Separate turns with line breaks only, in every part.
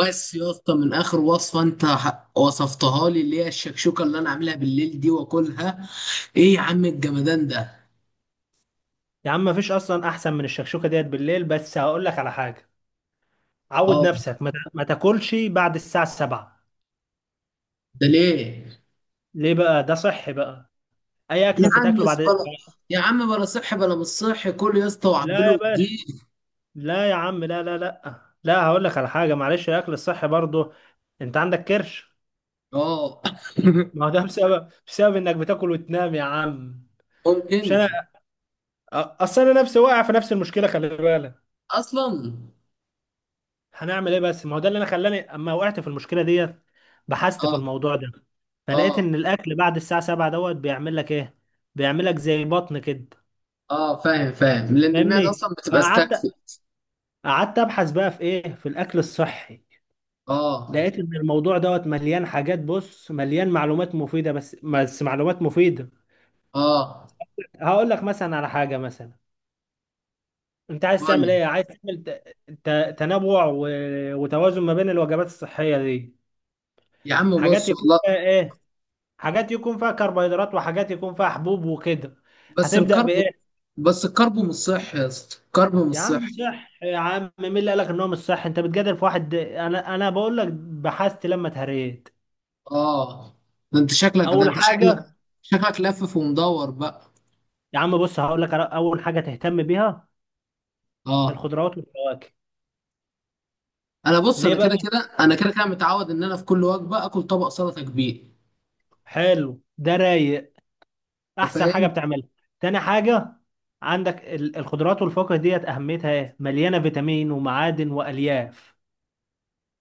بس يا اسطى، من اخر وصفه انت وصفتها لي اللي هي الشكشوكه اللي انا عاملها بالليل دي واكلها. ايه يا عم الجمدان ده؟
يا عم مفيش اصلا احسن من الشكشوكه ديت بالليل، بس هقول لك على حاجه. عود
اه.
نفسك ما تاكلش بعد الساعه 7.
ده ليه؟
ليه بقى؟ ده صحي بقى. اي
يا
اكل
عم يا
بتتاكله
اسطى
بعد.
بلا. يا عم، بلا صحي بلا مش صحي، كل يا اسطى
لا يا
وعبله
باشا،
جديد.
لا يا عم، لا لا لا لا، هقول لك على حاجه. معلش، الاكل الصحي برضه، انت عندك كرش.
اه.
ما هو ده بسبب انك بتاكل وتنام يا عم. مش
ممكن.
انا. اصل انا نفسي واقع في نفس المشكله، خلي بالك.
اصلا.
هنعمل ايه؟ بس ما هو ده اللي انا خلاني اما وقعت في المشكله ديت. بحثت في
اه،
الموضوع ده، فلقيت
اه،
ان الاكل بعد الساعه 7 دوت بيعمل لك ايه. بيعمل لك زي بطن كده.
اه، فاهم فاهم لان المعده اصلا
فاهمني،
بتبقى
فقعدت.
استكفت.
قعدت ابحث بقى في ايه، في الاكل الصحي.
اه
لقيت ان الموضوع دوت مليان حاجات، بص مليان معلومات مفيده، بس معلومات مفيده.
اه.
هقول لك مثلا على حاجه. مثلا انت عايز تعمل
قول.
ايه، عايز تعمل تنوع وتوازن ما بين الوجبات الصحيه دي.
يا عم
حاجات
بص
يكون
والله.
فيها ايه، حاجات يكون فيها كربوهيدرات، وحاجات يكون فيها حبوب وكده.
بس
هتبدأ
الكرب
بإيه؟
بس الكرب مش صحي يا اسطى، الكرب مش
يا عم
صحي.
صح، يا عم مين اللي قالك إن هو مش صح؟ أنت بتجادل في واحد، أنا بقول لك بحثت لما اتهريت.
اه. ده انت شكلك ده
أول
انت شكلك
حاجة،
شكلك لفف ومدور بقى.
يا عم بص هقول لك على أول حاجة تهتم بيها:
اه.
الخضروات والفواكه.
انا بص،
ليه
انا كده
بقى؟
كده انا كده كده متعود ان انا في كل وجبه اكل طبق سلطه كبير.
حلو، ده رايق،
انت
أحسن حاجة
فاهم.
بتعملها. تاني حاجة، عندك الخضروات والفواكه ديت أهميتها إيه؟ مليانة فيتامين ومعادن وألياف،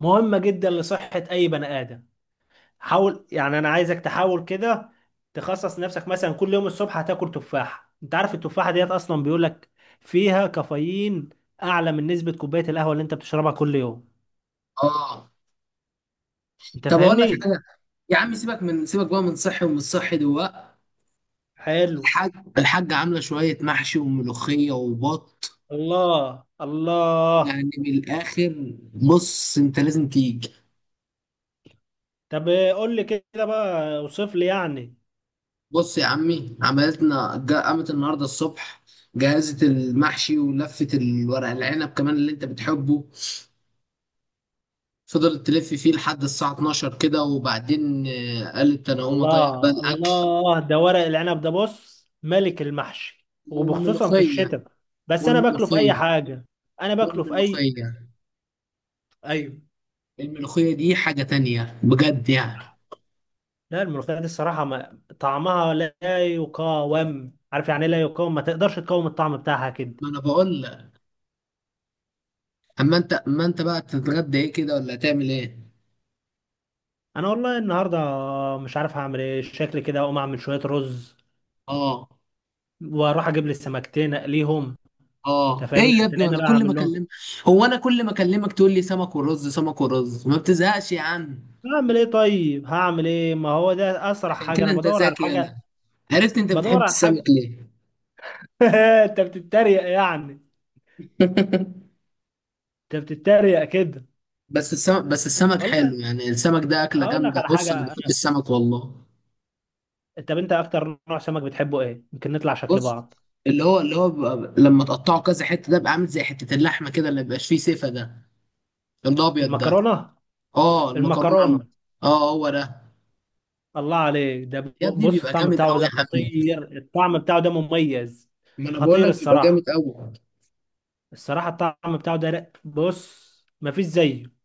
مهمة جدا لصحة أي بني آدم. حاول، يعني انا عايزك تحاول كده. تخصص نفسك مثلا كل يوم الصبح هتاكل تفاحة. انت عارف التفاحة ديت اصلا بيقولك فيها كافيين اعلى من نسبة كوباية القهوة اللي انت بتشربها كل يوم.
اه.
انت
طب اقول لك
فاهمني.
حاجه. يا عم سيبك بقى من صحي ومن صحي دلوقتي.
حلو.
الحاج الحاجه عامله شويه محشي وملوخيه وبط.
الله الله.
يعني من الاخر، بص انت لازم تيجي.
طب قول لي كده بقى، اوصف لي يعني.
بص يا عمي، قامت النهارده الصبح. جهزت المحشي ولفت الورق العنب كمان اللي انت بتحبه. فضلت تلف فيه لحد الساعة 12 كده، وبعدين قالت أنا هقوم أطيب بقى
الله
الأكل.
الله، ده ورق العنب ده بص ملك المحشي وبخصوصا في
والملوخية.
الشتاء. بس انا باكله في اي
والملوخية.
حاجة. انا باكله في اي.
والملوخية.
ايوه.
الملوخية دي حاجة تانية بجد يعني.
لا، الملوخية دي الصراحة ما طعمها لا يقاوم، عارف يعني إيه لا يقاوم؟ ما تقدرش تقاوم الطعم بتاعها كده.
ما أنا بقول لك. أما أنت بقى تتغدى إيه كده، ولا هتعمل إيه؟
أنا والله النهاردة مش عارف هعمل إيه. شكلي كده أقوم أعمل شوية رز
آه،
وأروح أجيب لي سمكتين أقليهم. أنت
آه، إيه
فاهمني،
يا ابني
تلاقيني
وأنا
رايح
كل ما
أعمل لهم.
أكلمك. هو أنا كل ما أكلمك تقول لي سمك ورز سمك ورز، ما بتزهقش يا عم؟
هعمل إيه طيب، هعمل إيه؟ ما هو ده أسرع
عشان
حاجة.
كده
أنا
أنت
بدور على
ذكي، يالا.
حاجة،
عرفت أنت بتحب
بدور على
السمك.
حاجة أنت بتتريق يعني.
ليه؟
أنت بتتريق كده.
بس السمك حلو
والله.
يعني، السمك ده أكلة
هقول لك
جامدة،
على
بص أنا
حاجة.
بحب السمك والله.
طب أنت أكتر نوع سمك بتحبه إيه؟ يمكن نطلع شكل
بص.
بعض.
اللي هو بيبقى لما تقطعه كذا حتة، ده بيبقى عامل زي حتة اللحمة كده اللي مبيبقاش فيه سيفة ده. الأبيض ده.
المكرونة.
اه، المكرونة
المكرونة.
اه، هو ده.
الله عليك، ده
يا ابني
بص
بيبقى
الطعم
جامد
بتاعه
أوي
ده
يا عم.
خطير. الطعم بتاعه ده مميز،
ما أنا بقول
خطير
لك بيبقى
الصراحة.
جامد أوي.
الصراحة الطعم بتاعه ده بص، مفيش زيه.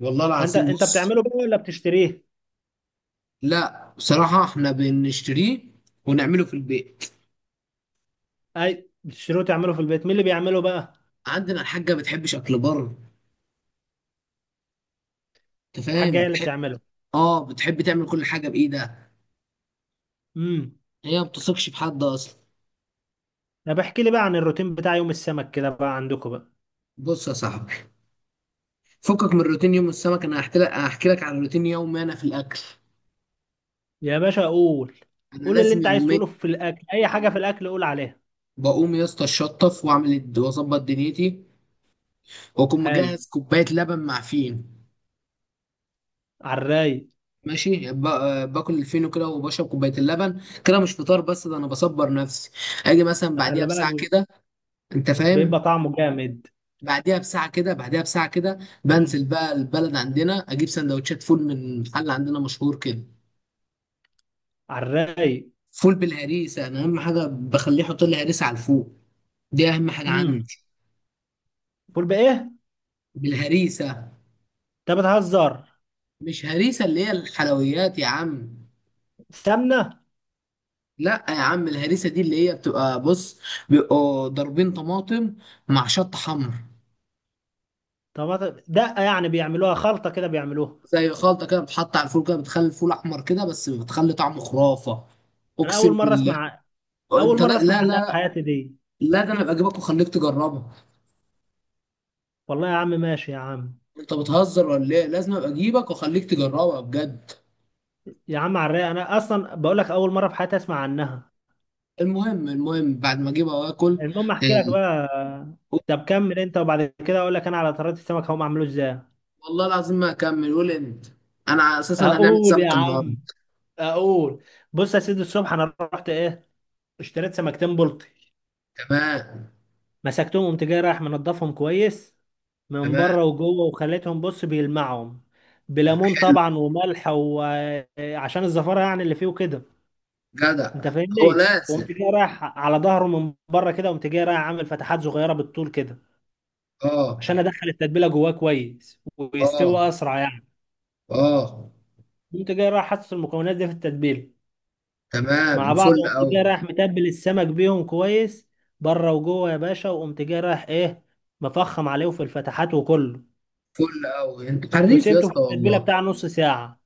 والله
فانت
العظيم،
انت
بص.
بتعمله بقى ولا بتشتريه؟
لا بصراحة احنا بنشتريه ونعمله في البيت.
اي، بتشتريه وتعمله في البيت. مين اللي بيعمله بقى؟
عندنا الحاجة ما بتحبش أكل بره. أنت
الحاجة
فاهم،
هي اللي
بتحب.
بتعمله.
اه، بتحب تعمل كل حاجة بإيدها.
امم.
هي ما بتثقش في حد أصلا.
طب احكي لي بقى عن الروتين بتاع يوم السمك كده بقى عندكم بقى.
بص يا صاحبي. فكك من روتين يوم السمك، انا هحكي لك على روتين يومي انا في الاكل.
يا باشا قول.
انا
قول اللي
لازم
انت عايز
يوميا.
تقوله في الاكل، اي حاجة في الاكل قول عليها.
بقوم يا اسطى اتشطف واعمل واظبط دنيتي. واكون
حلو.
مجهز كوبايه لبن مع فين.
على الرايق.
ماشي، باكل الفينو كده وبشرب كوبايه اللبن كده، مش فطار بس ده انا بصبر نفسي. اجي مثلا بعديها
خلي
بساعه
بالك،
كده. انت
بيبقى
فاهم.
طعمه جامد.
بعديها بساعه كده.
امم.
بنزل بقى البلد عندنا، اجيب سندوتشات فول من محل عندنا مشهور كده.
على الرايق.
فول بالهريسه، انا اهم حاجه بخليه يحط لي هريسه على الفول. دي اهم حاجه
مم.
عندي.
فول بايه؟
بالهريسه.
انت بتهزر.
مش هريسه اللي هي الحلويات يا عم.
سمنه.
لا يا عم، الهريسه دي اللي هي بتبقى، بص. بيبقوا ضاربين طماطم مع شطه حمر.
طب دقه يعني، بيعملوها خلطه كده، بيعملوها؟
زي خلطه كده، بتحط على الفول كده، بتخلي الفول احمر كده، بس بتخلي طعمه خرافه.
انا اول
اقسم
مره
بالله.
اسمع. اول
انت،
مره
لا،
اسمع
لا،
عنها في
لا،
حياتي دي.
لا، ده انا ابقى اجيبك واخليك تجربها.
والله يا عم، ماشي يا عم.
انت بتهزر ولا ايه؟ لازم ابقى اجيبك واخليك تجربها بجد.
يا عم، على الرايق، انا اصلا بقول لك اول مره في حياتي اسمع عنها.
المهم بعد ما اجيبها واكل.
المهم، احكي لك بقى. طب كمل انت، وبعد كده اقول لك انا على طريقه السمك هم عملوه ازاي.
والله العظيم ما هكمل، قول انت. انا اساسا هنعمل
اقول يا
سمك النهارده.
عم. اقول. بص يا سيدي، الصبح انا رحت ايه، اشتريت سمكتين بلطي.
تمام.
مسكتهم، قمت جاي رايح منضفهم كويس من
تمام.
بره وجوه، وخليتهم بص بيلمعهم بليمون
حلو،
طبعا وملح، وعشان الزفاره يعني اللي فيه وكده. انت
جدع. هو
فاهمني، وقمت
لازم.
جاي رايح على ظهره من بره كده، قمت جاي رايح عامل فتحات صغيره بالطول كده، عشان
اه.
ادخل التتبيله جواه كويس ويستوي
اه.
اسرع يعني.
اه.
قمت جاي رايح حاطط المكونات دي في التتبيله
تمام،
مع بعض،
فل او.
قمت جاي رايح متبل السمك بيهم كويس بره وجوه يا باشا. وقمت جاي رايح ايه، مفخم عليه في الفتحات وكله،
فل او، انت حريف يا
وسبته في
اسطى
التتبيله
والله.
بتاع نص ساعه.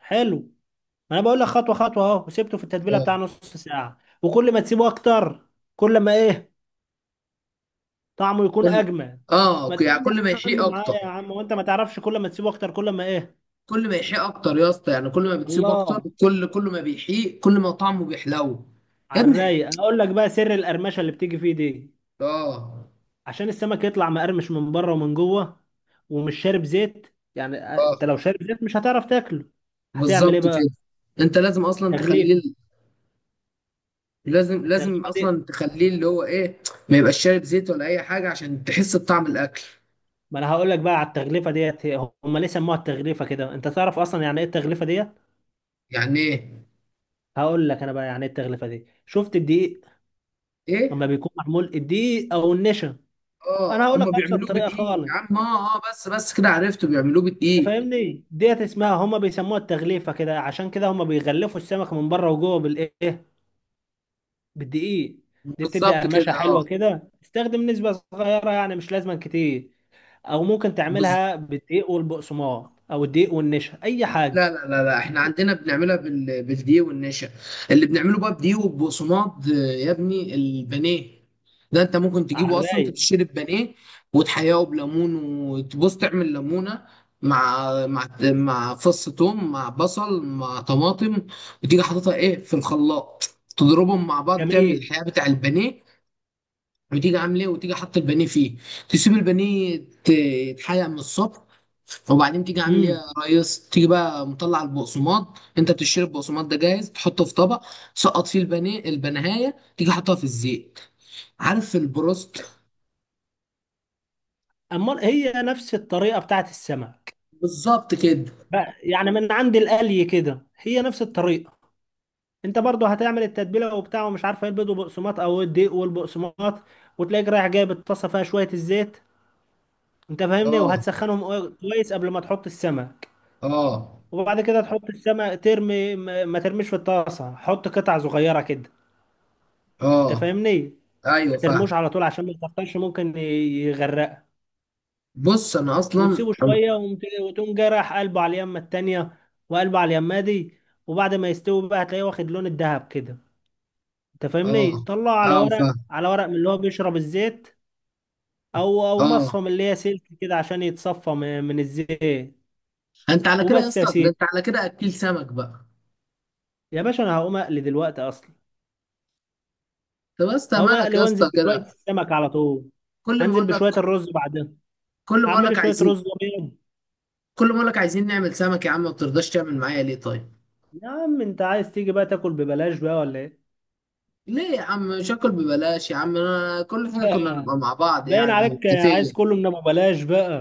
حلو، ما انا بقول لك خطوه خطوه اهو. وسبته في التتبيله بتاع
اه،
نص ساعه، وكل ما تسيبه اكتر كل ما ايه، طعمه يكون
كل
اجمل.
اه،
ما تقول
يعني
لي
كل ما
يا عم،
يحيق اكتر.
معايا يا عم. وانت ما تعرفش، كل ما تسيبه اكتر كل ما ايه.
كل ما يحيق اكتر يا اسطى، يعني كل ما بتسيب اكتر،
الله.
كل ما بيحيق، كل ما طعمه بيحلو. يا
على
ابني.
الرايق. اقول لك بقى سر القرمشه اللي بتيجي فيه دي.
اه،
عشان السمك يطلع مقرمش من بره ومن جوه، ومش شارب زيت، يعني
اه،
انت لو شارب زيت مش هتعرف تاكله. هتعمل
بالظبط
ايه بقى؟
كده. انت لازم اصلا تخليه.
تغليفه.
لازم
التغليفه دي،
اصلا تخليه اللي هو ايه. ما يبقاش شارب زيت ولا اي حاجه عشان تحس بطعم الاكل.
ما انا هقول لك بقى على التغليفه ديت. هم ليه سموها التغليفه كده؟ انت تعرف اصلا يعني ايه التغليفه ديت؟
يعني ايه؟
هقول لك انا بقى يعني ايه التغليفه دي. شفت الدقيق لما
ايه.
بيكون معمول، الدقيق او النشا؟
اه،
انا هقول لك
هم
ابسط
بيعملوه
طريقه
بدقيق
خالص.
يا عم، اه، اه، بس كده عرفته بيعملوه
أنت
بدقيق.
فاهمني، ديت اسمها هم بيسموها التغليفه كده، عشان كده هم بيغلفوا السمك من بره وجوه بالايه؟ بالدقيق. دي بتدي
بالظبط
قرمشه
كده، اه.
حلوه كده. استخدم نسبه صغيره يعني مش لازم كتير، او ممكن تعملها بالدقيق والبقسماط او الدقيق والنشا، اي حاجه.
لا، لا، لا، لا، احنا عندنا بنعملها بالدقيق والنشا. اللي بنعمله بقى بدقيق وبصماد، يا ابني البانيه. ده انت ممكن
على
تجيبه اصلا، انت
الرايق.
بتشتري البانيه. وتحياه بليمون، وتبص تعمل ليمونه. مع فص ثوم، مع بصل، مع طماطم. وتيجي حاططها ايه في الخلاط. تضربهم مع بعض، تعمل
جميل.
الحياه بتاع البانيه. وتيجي عامل ايه، وتيجي حاطط البانيه فيه. تسيب البانيه. يتحرق من الصبح. وبعدين تيجي عامل ايه يا
امم.
ريس، تيجي بقى مطلع البقسماط، انت بتشتري البقسماط ده جاهز، تحطه في طبق. سقط فيه البانيه البنهايه، تيجي حاطها في الزيت. عارف البروست.
أمال هي نفس الطريقة بتاعت السمك
بالظبط كده.
بقى يعني، من عند القلي كده هي نفس الطريقة. أنت برضو هتعمل التتبيلة وبتاع ومش عارف ايه، البيض والبقسماط أو الدقيق والبقسماط. وتلاقيك رايح جايب الطاسة فيها شوية الزيت. أنت فاهمني،
اه،
وهتسخنهم كويس قبل ما تحط السمك.
اه،
وبعد كده تحط السمك، ترمي ما ترميش في الطاسة، حط قطع صغيرة كده. أنت
اه،
فاهمني.
ايوه
ما
فاهم.
ترموش على طول عشان ما يكترش، ممكن يغرقك.
بص انا اصلا
وتسيبه شويه وتقوم جاي رايح قلبه على اليمه التانيه، وقلبه على اليمه دي. وبعد ما يستوي بقى هتلاقيه واخد لون الذهب كده. انت
اه،
فاهمني، طلعه على
اه،
ورق،
فاهم.
على ورق من اللي هو بيشرب الزيت. او او
اه،
مصفى من اللي هي سلك كده عشان يتصفى من الزيت.
انت على كده يا
وبس يا
اسطى، ده انت
سيدي.
على كده اكيل سمك بقى.
يا باشا انا هقوم اقلي دلوقتي اصلا.
طب يا اسطى،
هقوم
مالك
اقلي
يا
وانزل
اسطى
بشويه
كده؟
السمك على طول.
كل ما
انزل
اقول
بشويه
لك.
الرز بعدين.
كل ما اقول
هعمل لي
لك
شويه
عايزين.
رز ابيض.
كل ما اقول لك عايزين نعمل سمك يا عم، ما بترضاش تعمل معايا ليه، طيب؟
يا عم انت عايز تيجي بقى تاكل ببلاش بقى ولا ايه؟
ليه يا عم؟ مش هاكل ببلاش يا عم، انا كل حاجه كنا نبقى مع بعض
باين
يعني
عليك عايز
متفقين.
كله من ابو بلاش بقى.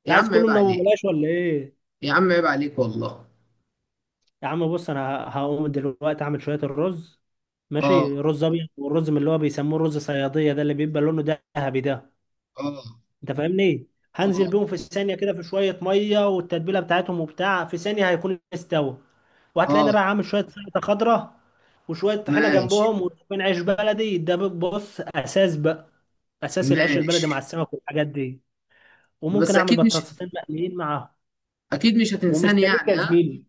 انت
يا
عايز
عم
كله
عيب
من ابو
عليك.
بلاش ولا ايه؟
يا عم عيب عليك والله.
يا عم بص، انا هقوم دلوقتي اعمل شويه الرز
اه،
ماشي، رز ابيض، والرز من اللي هو بيسموه الرز صياديه ده اللي بيبقى لونه ذهبي ده.
اه،
انت فاهمني، هنزل
اه،
بيهم في ثانيه كده في شويه ميه والتتبيله بتاعتهم وبتاع، في ثانيه هيكون استوى. وهتلاقيني
اه.
رايح عامل شويه سلطه خضراء وشويه طحينه
ماشي،
جنبهم وشويه عيش بلدي ده. بص اساس بقى، اساس العيش البلدي مع
ماشي.
السمك والحاجات دي.
بس
وممكن اعمل
اكيد مش.
بطاطسين مقليين معاهم.
اكيد مش هتنساني
ومستنيك
يعني،
يا
ها؟
زميلي.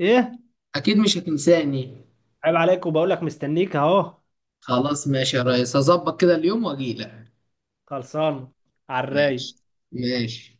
ايه؟
اكيد مش هتنساني.
عيب عليك، وبقول لك مستنيك اهو.
خلاص ماشي يا ريس، هظبط كده اليوم واجيلك.
خلصان. على
ماشي.
الرايق.
ماشي.